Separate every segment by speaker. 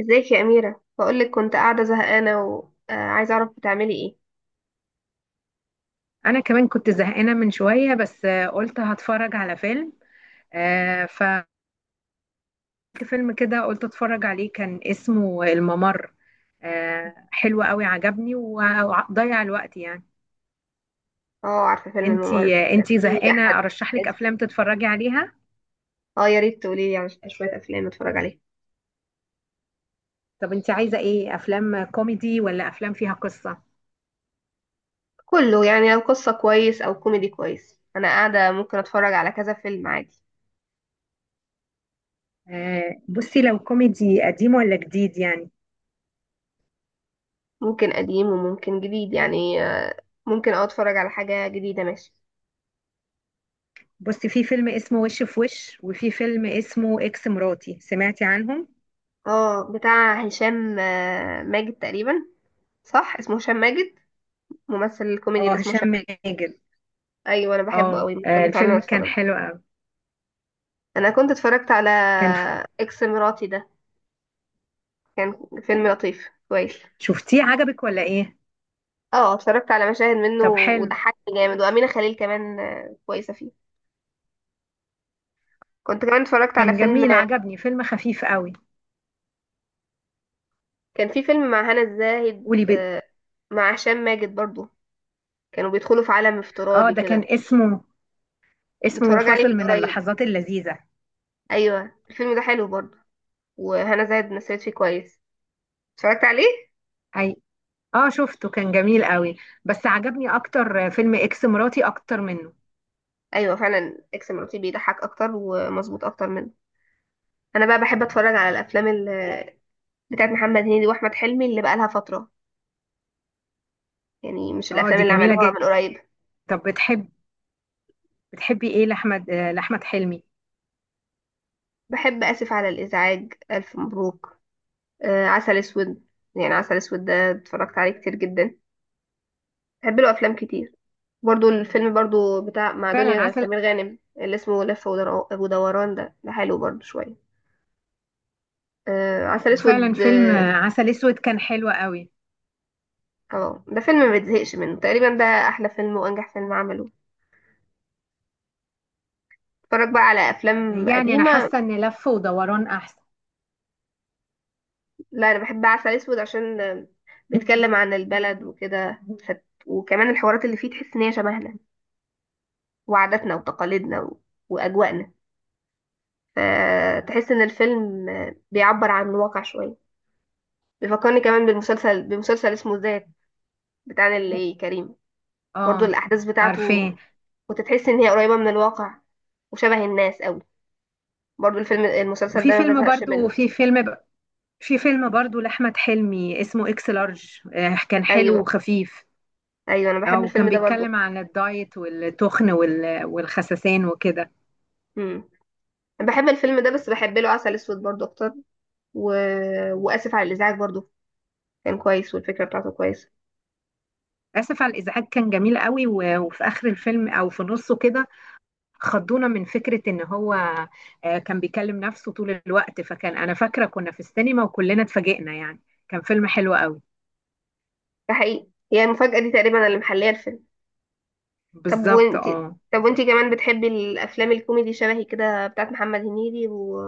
Speaker 1: ازيك يا أميرة؟ بقولك كنت قاعدة زهقانة وعايزة أعرف بتعملي ايه.
Speaker 2: انا كمان كنت زهقانه من شويه بس قلت هتفرج على فيلم. آه، ف فيلم كده قلت اتفرج عليه كان اسمه الممر. حلو قوي عجبني وضيع الوقت يعني.
Speaker 1: اه، عارفة فيلم الممر؟
Speaker 2: انتي آه،
Speaker 1: كان
Speaker 2: انتي
Speaker 1: في أحمد
Speaker 2: زهقانه ارشح لك
Speaker 1: عز.
Speaker 2: افلام تتفرجي عليها.
Speaker 1: اه، يا ريت تقوليلي على شوية أفلام أتفرج عليها.
Speaker 2: طب انتي عايزه ايه، افلام كوميدي ولا افلام فيها قصه؟
Speaker 1: كله يعني، لو قصة كويس أو كوميدي كويس أنا قاعدة ممكن أتفرج على كذا فيلم عادي.
Speaker 2: بصي لو كوميدي قديم ولا جديد يعني.
Speaker 1: ممكن قديم وممكن جديد يعني. ممكن اه أتفرج على حاجة جديدة، ماشي.
Speaker 2: بصي في فيلم اسمه وش في وش وفي فيلم اسمه اكس مراتي، سمعتي عنهم؟
Speaker 1: اه، بتاع هشام ماجد تقريبا. صح، اسمه هشام ماجد. ممثل الكوميدي
Speaker 2: اه،
Speaker 1: اللي اسمه
Speaker 2: هشام
Speaker 1: هشام ماجد.
Speaker 2: ماجد.
Speaker 1: أيوة، أنا بحبه أوي، ممكن فعلا
Speaker 2: الفيلم كان
Speaker 1: أتفرج.
Speaker 2: حلو قوي
Speaker 1: انا كنت اتفرجت على
Speaker 2: كان.
Speaker 1: اكس مراتي ده. كان فيلم لطيف كويس.
Speaker 2: شفتيه عجبك ولا ايه؟
Speaker 1: اه، اتفرجت على مشاهد منه
Speaker 2: طب حلو،
Speaker 1: وضحكني جامد، وامينه خليل كمان كويسه فيه. كنت كمان اتفرجت على
Speaker 2: كان
Speaker 1: فيلم،
Speaker 2: جميل عجبني فيلم خفيف قوي.
Speaker 1: كان في فيلم مع هنا الزاهد
Speaker 2: قولي بي...
Speaker 1: مع هشام ماجد برضو. كانوا بيدخلوا في عالم
Speaker 2: اه
Speaker 1: افتراضي
Speaker 2: ده
Speaker 1: كده.
Speaker 2: كان اسمه، اسمه
Speaker 1: متفرج عليه
Speaker 2: فاصل
Speaker 1: من
Speaker 2: من
Speaker 1: قريب.
Speaker 2: اللحظات اللذيذة.
Speaker 1: ايوه، الفيلم ده حلو برضو، وهنا زاهد مثلت فيه كويس. اتفرجت عليه.
Speaker 2: اي اه شفته كان جميل قوي، بس عجبني اكتر فيلم اكس مراتي اكتر منه.
Speaker 1: ايوه فعلا، اكس مراتي بيضحك اكتر ومظبوط اكتر منه. انا بقى بحب اتفرج على الافلام بتاعت محمد هنيدي واحمد حلمي اللي بقالها فتره، يعني مش
Speaker 2: اه،
Speaker 1: الافلام
Speaker 2: دي
Speaker 1: اللي
Speaker 2: جميلة
Speaker 1: عملوها
Speaker 2: جدا.
Speaker 1: من قريب.
Speaker 2: طب بتحبي ايه لاحمد حلمي؟
Speaker 1: بحب اسف على الازعاج، الف مبروك، آه، عسل اسود. يعني عسل اسود ده اتفرجت عليه كتير جدا. بحب له افلام كتير. برضو الفيلم برضو بتاع مع
Speaker 2: فعلا
Speaker 1: دنيا
Speaker 2: عسل.
Speaker 1: سمير غانم اللي اسمه لف ودوران ده ده حلو برضو شويه. آه عسل
Speaker 2: وفعلا
Speaker 1: اسود
Speaker 2: فيلم
Speaker 1: اه.
Speaker 2: عسل اسود كان حلو قوي.
Speaker 1: ده فيلم ما بتزهقش منه تقريبا، ده احلى فيلم وانجح فيلم عمله. اتفرج بقى على افلام
Speaker 2: يعني انا
Speaker 1: قديمه.
Speaker 2: حاسة ان لف ودوران احسن.
Speaker 1: لا، انا بحب عسل اسود عشان بيتكلم عن البلد وكده. وكمان الحوارات اللي فيه تحس ان هي شبهنا وعاداتنا وتقاليدنا و واجواءنا، فتحس ان الفيلم بيعبر عن الواقع شويه. بيفكرني كمان بالمسلسل، بمسلسل اسمه ذات، بتاع اللي كريم. برضو
Speaker 2: اه
Speaker 1: الاحداث بتاعته
Speaker 2: عارفاه.
Speaker 1: وتتحس ان هي قريبه من الواقع وشبه الناس قوي. برضو الفيلم المسلسل
Speaker 2: وفي
Speaker 1: ده ما
Speaker 2: فيلم
Speaker 1: بزهقش
Speaker 2: برضو
Speaker 1: منه.
Speaker 2: في فيلم ب... في فيلم برضو لأحمد حلمي اسمه اكس لارج. كان حلو
Speaker 1: ايوه،
Speaker 2: وخفيف.
Speaker 1: ايوه انا بحب الفيلم
Speaker 2: وكان
Speaker 1: ده برضو.
Speaker 2: بيتكلم عن الدايت والتخن والخسسان وكده.
Speaker 1: امم بحب الفيلم ده بس بحب له عسل اسود برضو اكتر و واسف على الازعاج برضو كان كويس، والفكره بتاعته كويسه.
Speaker 2: آسف على الإزعاج كان جميل قوي وفي آخر الفيلم أو في نصه كده خضونا من فكرة إن هو كان بيكلم نفسه طول الوقت، فكان أنا فاكرة كنا في السينما وكلنا اتفاجئنا يعني. كان فيلم حلو قوي.
Speaker 1: ده حقيقي، هي المفاجاه دي تقريبا اللي محليه الفيلم. طب
Speaker 2: بالظبط
Speaker 1: وانتي
Speaker 2: اه.
Speaker 1: طب وانتي كمان بتحبي الافلام الكوميدي شبهي كده، بتاعت محمد هنيدي و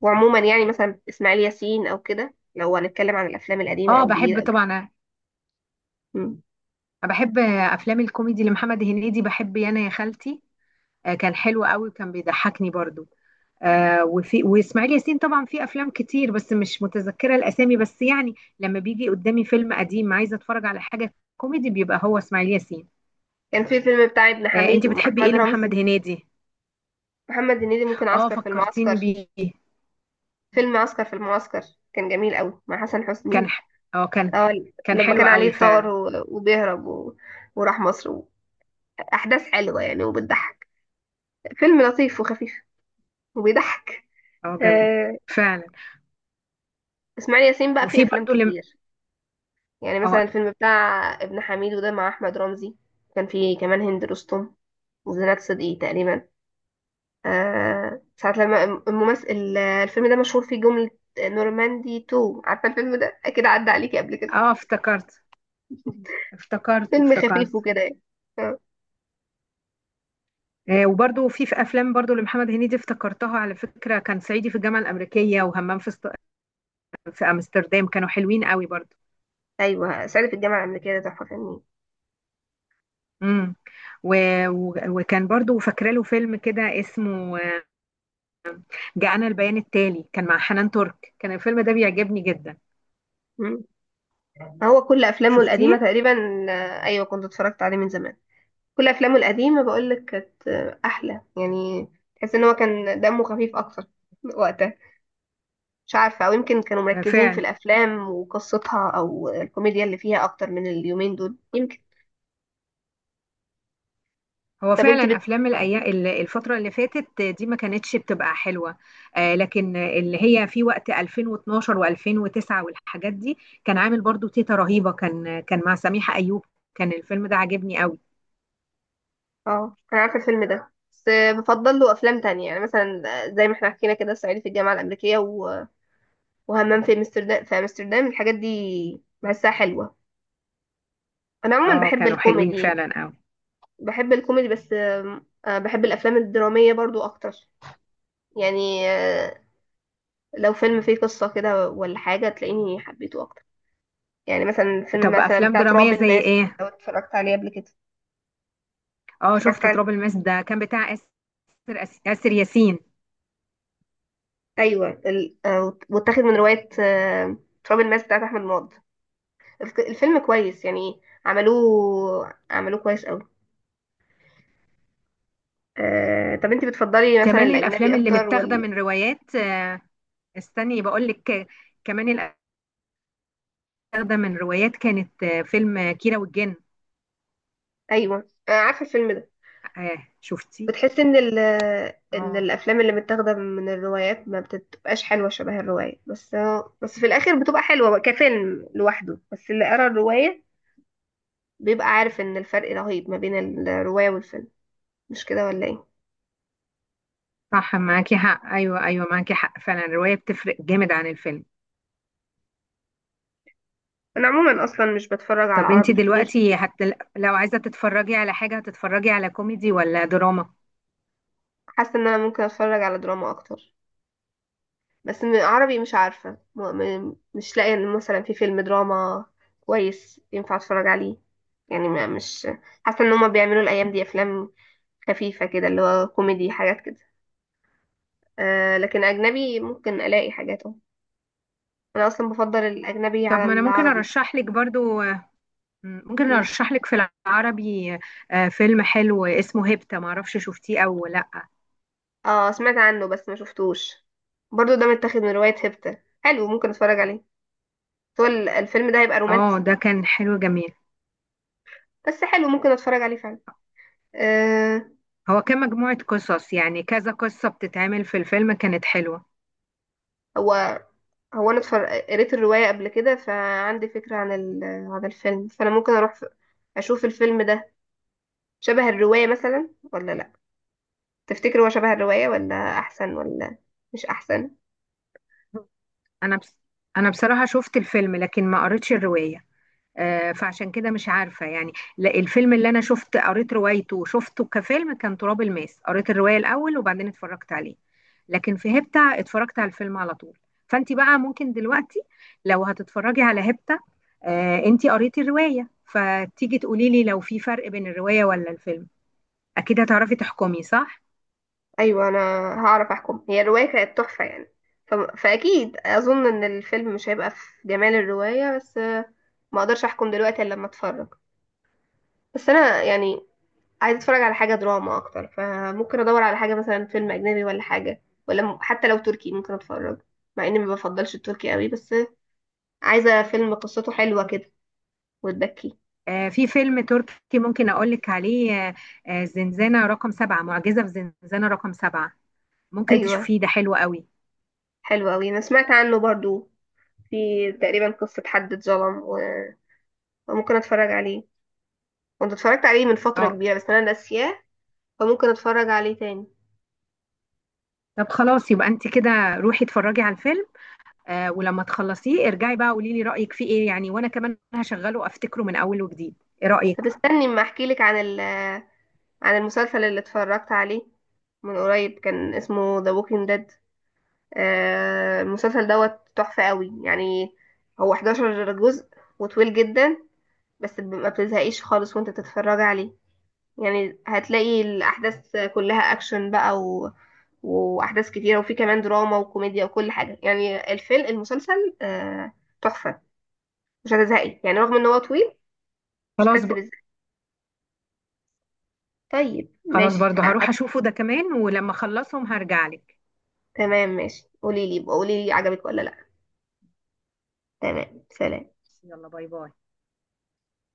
Speaker 1: وعموما يعني، مثلا اسماعيل ياسين او كده، لو هنتكلم عن الافلام القديمه
Speaker 2: اه
Speaker 1: او الجديده
Speaker 2: بحب
Speaker 1: او كده.
Speaker 2: طبعا أنا،
Speaker 1: مم.
Speaker 2: بحب أفلام الكوميدي لمحمد هنيدي، بحب يانا يا خالتي. كان حلو قوي وكان بيضحكني برضو. آه، وفي واسماعيل ياسين طبعا في افلام كتير بس مش متذكره الاسامي بس يعني لما بيجي قدامي فيلم قديم عايزه اتفرج على حاجه كوميدي بيبقى هو اسماعيل ياسين.
Speaker 1: كان في فيلم بتاع ابن حميد
Speaker 2: انت
Speaker 1: ومع
Speaker 2: بتحبي ايه
Speaker 1: احمد
Speaker 2: لمحمد
Speaker 1: رمزي.
Speaker 2: هنيدي؟
Speaker 1: محمد هنيدي ممكن
Speaker 2: اه،
Speaker 1: عسكر في المعسكر.
Speaker 2: فكرتيني بيه.
Speaker 1: فيلم عسكر في المعسكر كان جميل قوي مع حسن
Speaker 2: كان
Speaker 1: حسني.
Speaker 2: ح- اه كان
Speaker 1: اه،
Speaker 2: كان
Speaker 1: لما
Speaker 2: حلو
Speaker 1: كان
Speaker 2: قوي
Speaker 1: عليه طار
Speaker 2: فعلا.
Speaker 1: و وبيهرب و وراح مصر. احداث حلوه يعني، وبتضحك. فيلم لطيف وخفيف وبيضحك.
Speaker 2: اه جميل
Speaker 1: آه،
Speaker 2: فعلا.
Speaker 1: اسماعيل ياسين بقى فيه
Speaker 2: وفي
Speaker 1: افلام
Speaker 2: برضو لم...
Speaker 1: كتير. يعني مثلا
Speaker 2: اه
Speaker 1: الفيلم بتاع ابن حميدو ده مع احمد رمزي، كان فيه كمان هند رستم وزينات صدقي تقريبا. ساعة لما الممثل، الفيلم ده مشهور فيه جملة نورماندي 2. عارفة الفيلم ده اكيد عدى عليكي قبل كده.
Speaker 2: اه افتكرت افتكرت
Speaker 1: فيلم خفيف
Speaker 2: افتكرت
Speaker 1: وكده يعني. آه،
Speaker 2: وبرضو في افلام برضو لمحمد هنيدي افتكرتها على فكره، كان صعيدي في الجامعه الامريكيه وهمام في في امستردام، كانوا حلوين قوي برضو.
Speaker 1: ايوه صعيدي في الجامعة الأمريكية ده تحفة فنية.
Speaker 2: امم و... وكان برضو فاكره له فيلم كده اسمه جاءنا البيان التالي كان مع حنان ترك، كان الفيلم ده بيعجبني جدا.
Speaker 1: مم. هو كل افلامه القديمة
Speaker 2: شفتيه؟
Speaker 1: تقريبا. ايوه كنت اتفرجت عليه من زمان. كل افلامه القديمه بقول لك كانت احلى يعني. تحس ان هو كان دمه خفيف اكتر وقتها. مش عارفه، او يمكن كانوا مركزين في
Speaker 2: فعلا
Speaker 1: الافلام وقصتها او الكوميديا اللي فيها اكتر من اليومين دول يمكن.
Speaker 2: هو
Speaker 1: طب انت
Speaker 2: فعلا
Speaker 1: بت...
Speaker 2: افلام الايام، الفتره اللي فاتت دي ما كانتش بتبقى حلوه. لكن اللي هي في وقت 2012 و2009 والحاجات دي كان عامل برضو تيتا رهيبه، كان مع سميحه ايوب، كان الفيلم ده عاجبني قوي.
Speaker 1: اه، انا عارفه الفيلم ده بس بفضل له افلام تانية، يعني مثلا زي ما احنا حكينا كده صعيدي في الجامعه الامريكيه و وهمام في امستردام. الحاجات دي بحسها حلوه. انا عموما
Speaker 2: اه كانوا حلوين فعلا قوي.
Speaker 1: بحب الكوميدي بس بحب الافلام الدراميه برضو اكتر. يعني آه، لو فيلم فيه قصة كده ولا حاجة تلاقيني حبيته أكتر. يعني مثلا فيلم
Speaker 2: طب
Speaker 1: مثلا
Speaker 2: افلام
Speaker 1: بتاع
Speaker 2: دراميه
Speaker 1: تراب
Speaker 2: زي
Speaker 1: الماس،
Speaker 2: ايه؟
Speaker 1: لو اتفرجت عليه قبل كده.
Speaker 2: اه
Speaker 1: اتفرجت
Speaker 2: شفت
Speaker 1: عليه.
Speaker 2: تراب الماس ده كان بتاع آسر، آسر ياسين.
Speaker 1: أيوة واتاخد من رواية تراب الماس بتاعت أحمد مراد. الفيلم كويس يعني، عملوه كويس أوي. طب انت بتفضلي مثلا
Speaker 2: كمان
Speaker 1: الأجنبي
Speaker 2: الافلام اللي
Speaker 1: أكتر
Speaker 2: متاخده
Speaker 1: ولا؟
Speaker 2: من روايات، استني بقول لك، كمان اللي متاخده من روايات كانت فيلم كيرة والجن.
Speaker 1: أيوة، أنا عارفة الفيلم ده.
Speaker 2: آه شفتي؟
Speaker 1: بتحس ان ال ان
Speaker 2: اه
Speaker 1: الافلام اللي متاخده من الروايات ما بتبقاش حلوه شبه الروايه، بس في الاخر بتبقى حلوه كفيلم لوحده، بس اللي قرا الروايه بيبقى عارف ان الفرق رهيب ما بين الروايه والفيلم. مش كده ولا ايه؟
Speaker 2: صح، معاكي حق. ايوه معاكي حق فعلا، الروايه بتفرق جامد عن الفيلم.
Speaker 1: انا عموما اصلا مش بتفرج على
Speaker 2: طب انت
Speaker 1: عربي كتير.
Speaker 2: دلوقتي حتى لو عايزه تتفرجي على حاجه، هتتفرجي على كوميدي ولا دراما؟
Speaker 1: حاسه ان انا ممكن اتفرج على دراما اكتر، بس عربي مش عارفة مش لاقية إن مثلا في فيلم دراما كويس ينفع اتفرج عليه. يعني ما مش حاسة ان هما بيعملوا الايام دي افلام خفيفة كده، اللي هو كوميدي حاجات كده. آه، لكن اجنبي ممكن الاقي حاجات اهو. انا اصلا بفضل الاجنبي
Speaker 2: طب
Speaker 1: على
Speaker 2: ما انا ممكن
Speaker 1: العربي.
Speaker 2: ارشح لك برضو. ممكن
Speaker 1: مم.
Speaker 2: ارشح لك في العربي فيلم حلو اسمه هيبتا، معرفش شفتيه او لا.
Speaker 1: اه سمعت عنه بس ما شفتوش. برضو ده متاخد من رواية هبتة، حلو، ممكن اتفرج عليه. هو الفيلم ده هيبقى
Speaker 2: اه
Speaker 1: رومانسي؟
Speaker 2: ده كان حلو جميل،
Speaker 1: بس حلو ممكن اتفرج عليه فعلا. آه.
Speaker 2: هو كان مجموعة قصص يعني كذا قصة بتتعمل في الفيلم، كانت حلوة.
Speaker 1: هو هو انا قريت الرواية قبل كده، فعندي فكرة عن عن الفيلم، فانا ممكن اروح اشوف الفيلم ده شبه الرواية مثلا ولا لا. تفتكر هو شبه الرواية ولا احسن، ولا مش احسن؟
Speaker 2: انا بس انا بصراحة شفت الفيلم لكن ما قريتش الرواية، فعشان كده مش عارفة يعني. لا، الفيلم اللي أنا شفت قريت روايته وشفته كفيلم كان تراب الماس، قريت الرواية الأول وبعدين اتفرجت عليه، لكن في هيبتا اتفرجت على الفيلم على طول. فأنت بقى ممكن دلوقتي لو هتتفرجي على هيبتا أنت قريتي الرواية فتيجي تقولي لي لو في فرق بين الرواية ولا الفيلم، أكيد هتعرفي تحكمي صح؟
Speaker 1: ايوه، انا هعرف احكم. هي الرواية كانت تحفة يعني، فاكيد اظن ان الفيلم مش هيبقى في جمال الرواية، بس ما اقدرش احكم دلوقتي الا لما اتفرج. بس انا يعني عايزه اتفرج على حاجه دراما اكتر، فممكن ادور على حاجه مثلا فيلم اجنبي ولا حاجه، ولا حتى لو تركي ممكن اتفرج، مع اني ما بفضلش التركي قوي. بس عايزه فيلم قصته حلوه كده وتبكي.
Speaker 2: في فيلم تركي ممكن أقول لك عليه زنزانة رقم 7، معجزة في زنزانة رقم 7، ممكن
Speaker 1: ايوه
Speaker 2: تشوفيه ده حلو قوي.
Speaker 1: حلو قوي، انا سمعت عنه برضو. في تقريبا قصه حد اتظلم وممكن اتفرج عليه. كنت اتفرجت عليه من فتره
Speaker 2: اه
Speaker 1: كبيره بس انا ناسياه، فممكن اتفرج عليه تاني.
Speaker 2: طب خلاص يبقى انت كده روحي اتفرجي على الفيلم. آه ولما تخلصيه ارجعي بقى قولي لي رأيك فيه ايه يعني، وانا كمان هشغله افتكره من اول وجديد. ايه
Speaker 1: طب
Speaker 2: رأيك؟
Speaker 1: استني اما احكي لك عن عن المسلسل اللي اتفرجت عليه من قريب، كان اسمه The Walking Dead. المسلسل دوت تحفة قوي يعني. هو 11 جزء وطويل جدا، بس ما بتزهقيش خالص وانت تتفرج عليه. يعني هتلاقي الأحداث كلها أكشن بقى و وأحداث كتيرة، وفي كمان دراما وكوميديا وكل حاجة. يعني الفيلم المسلسل تحفة، مش هتزهقي يعني رغم ان هو طويل. مش
Speaker 2: خلاص ب...
Speaker 1: هتحسي بالزهق. طيب
Speaker 2: خلاص
Speaker 1: ماشي.
Speaker 2: برضه هروح اشوفه ده كمان، ولما اخلصهم هرجع لك.
Speaker 1: تمام ماشي، قوليلي عجبك ولا لأ. تمام، سلام.
Speaker 2: يلا باي باي.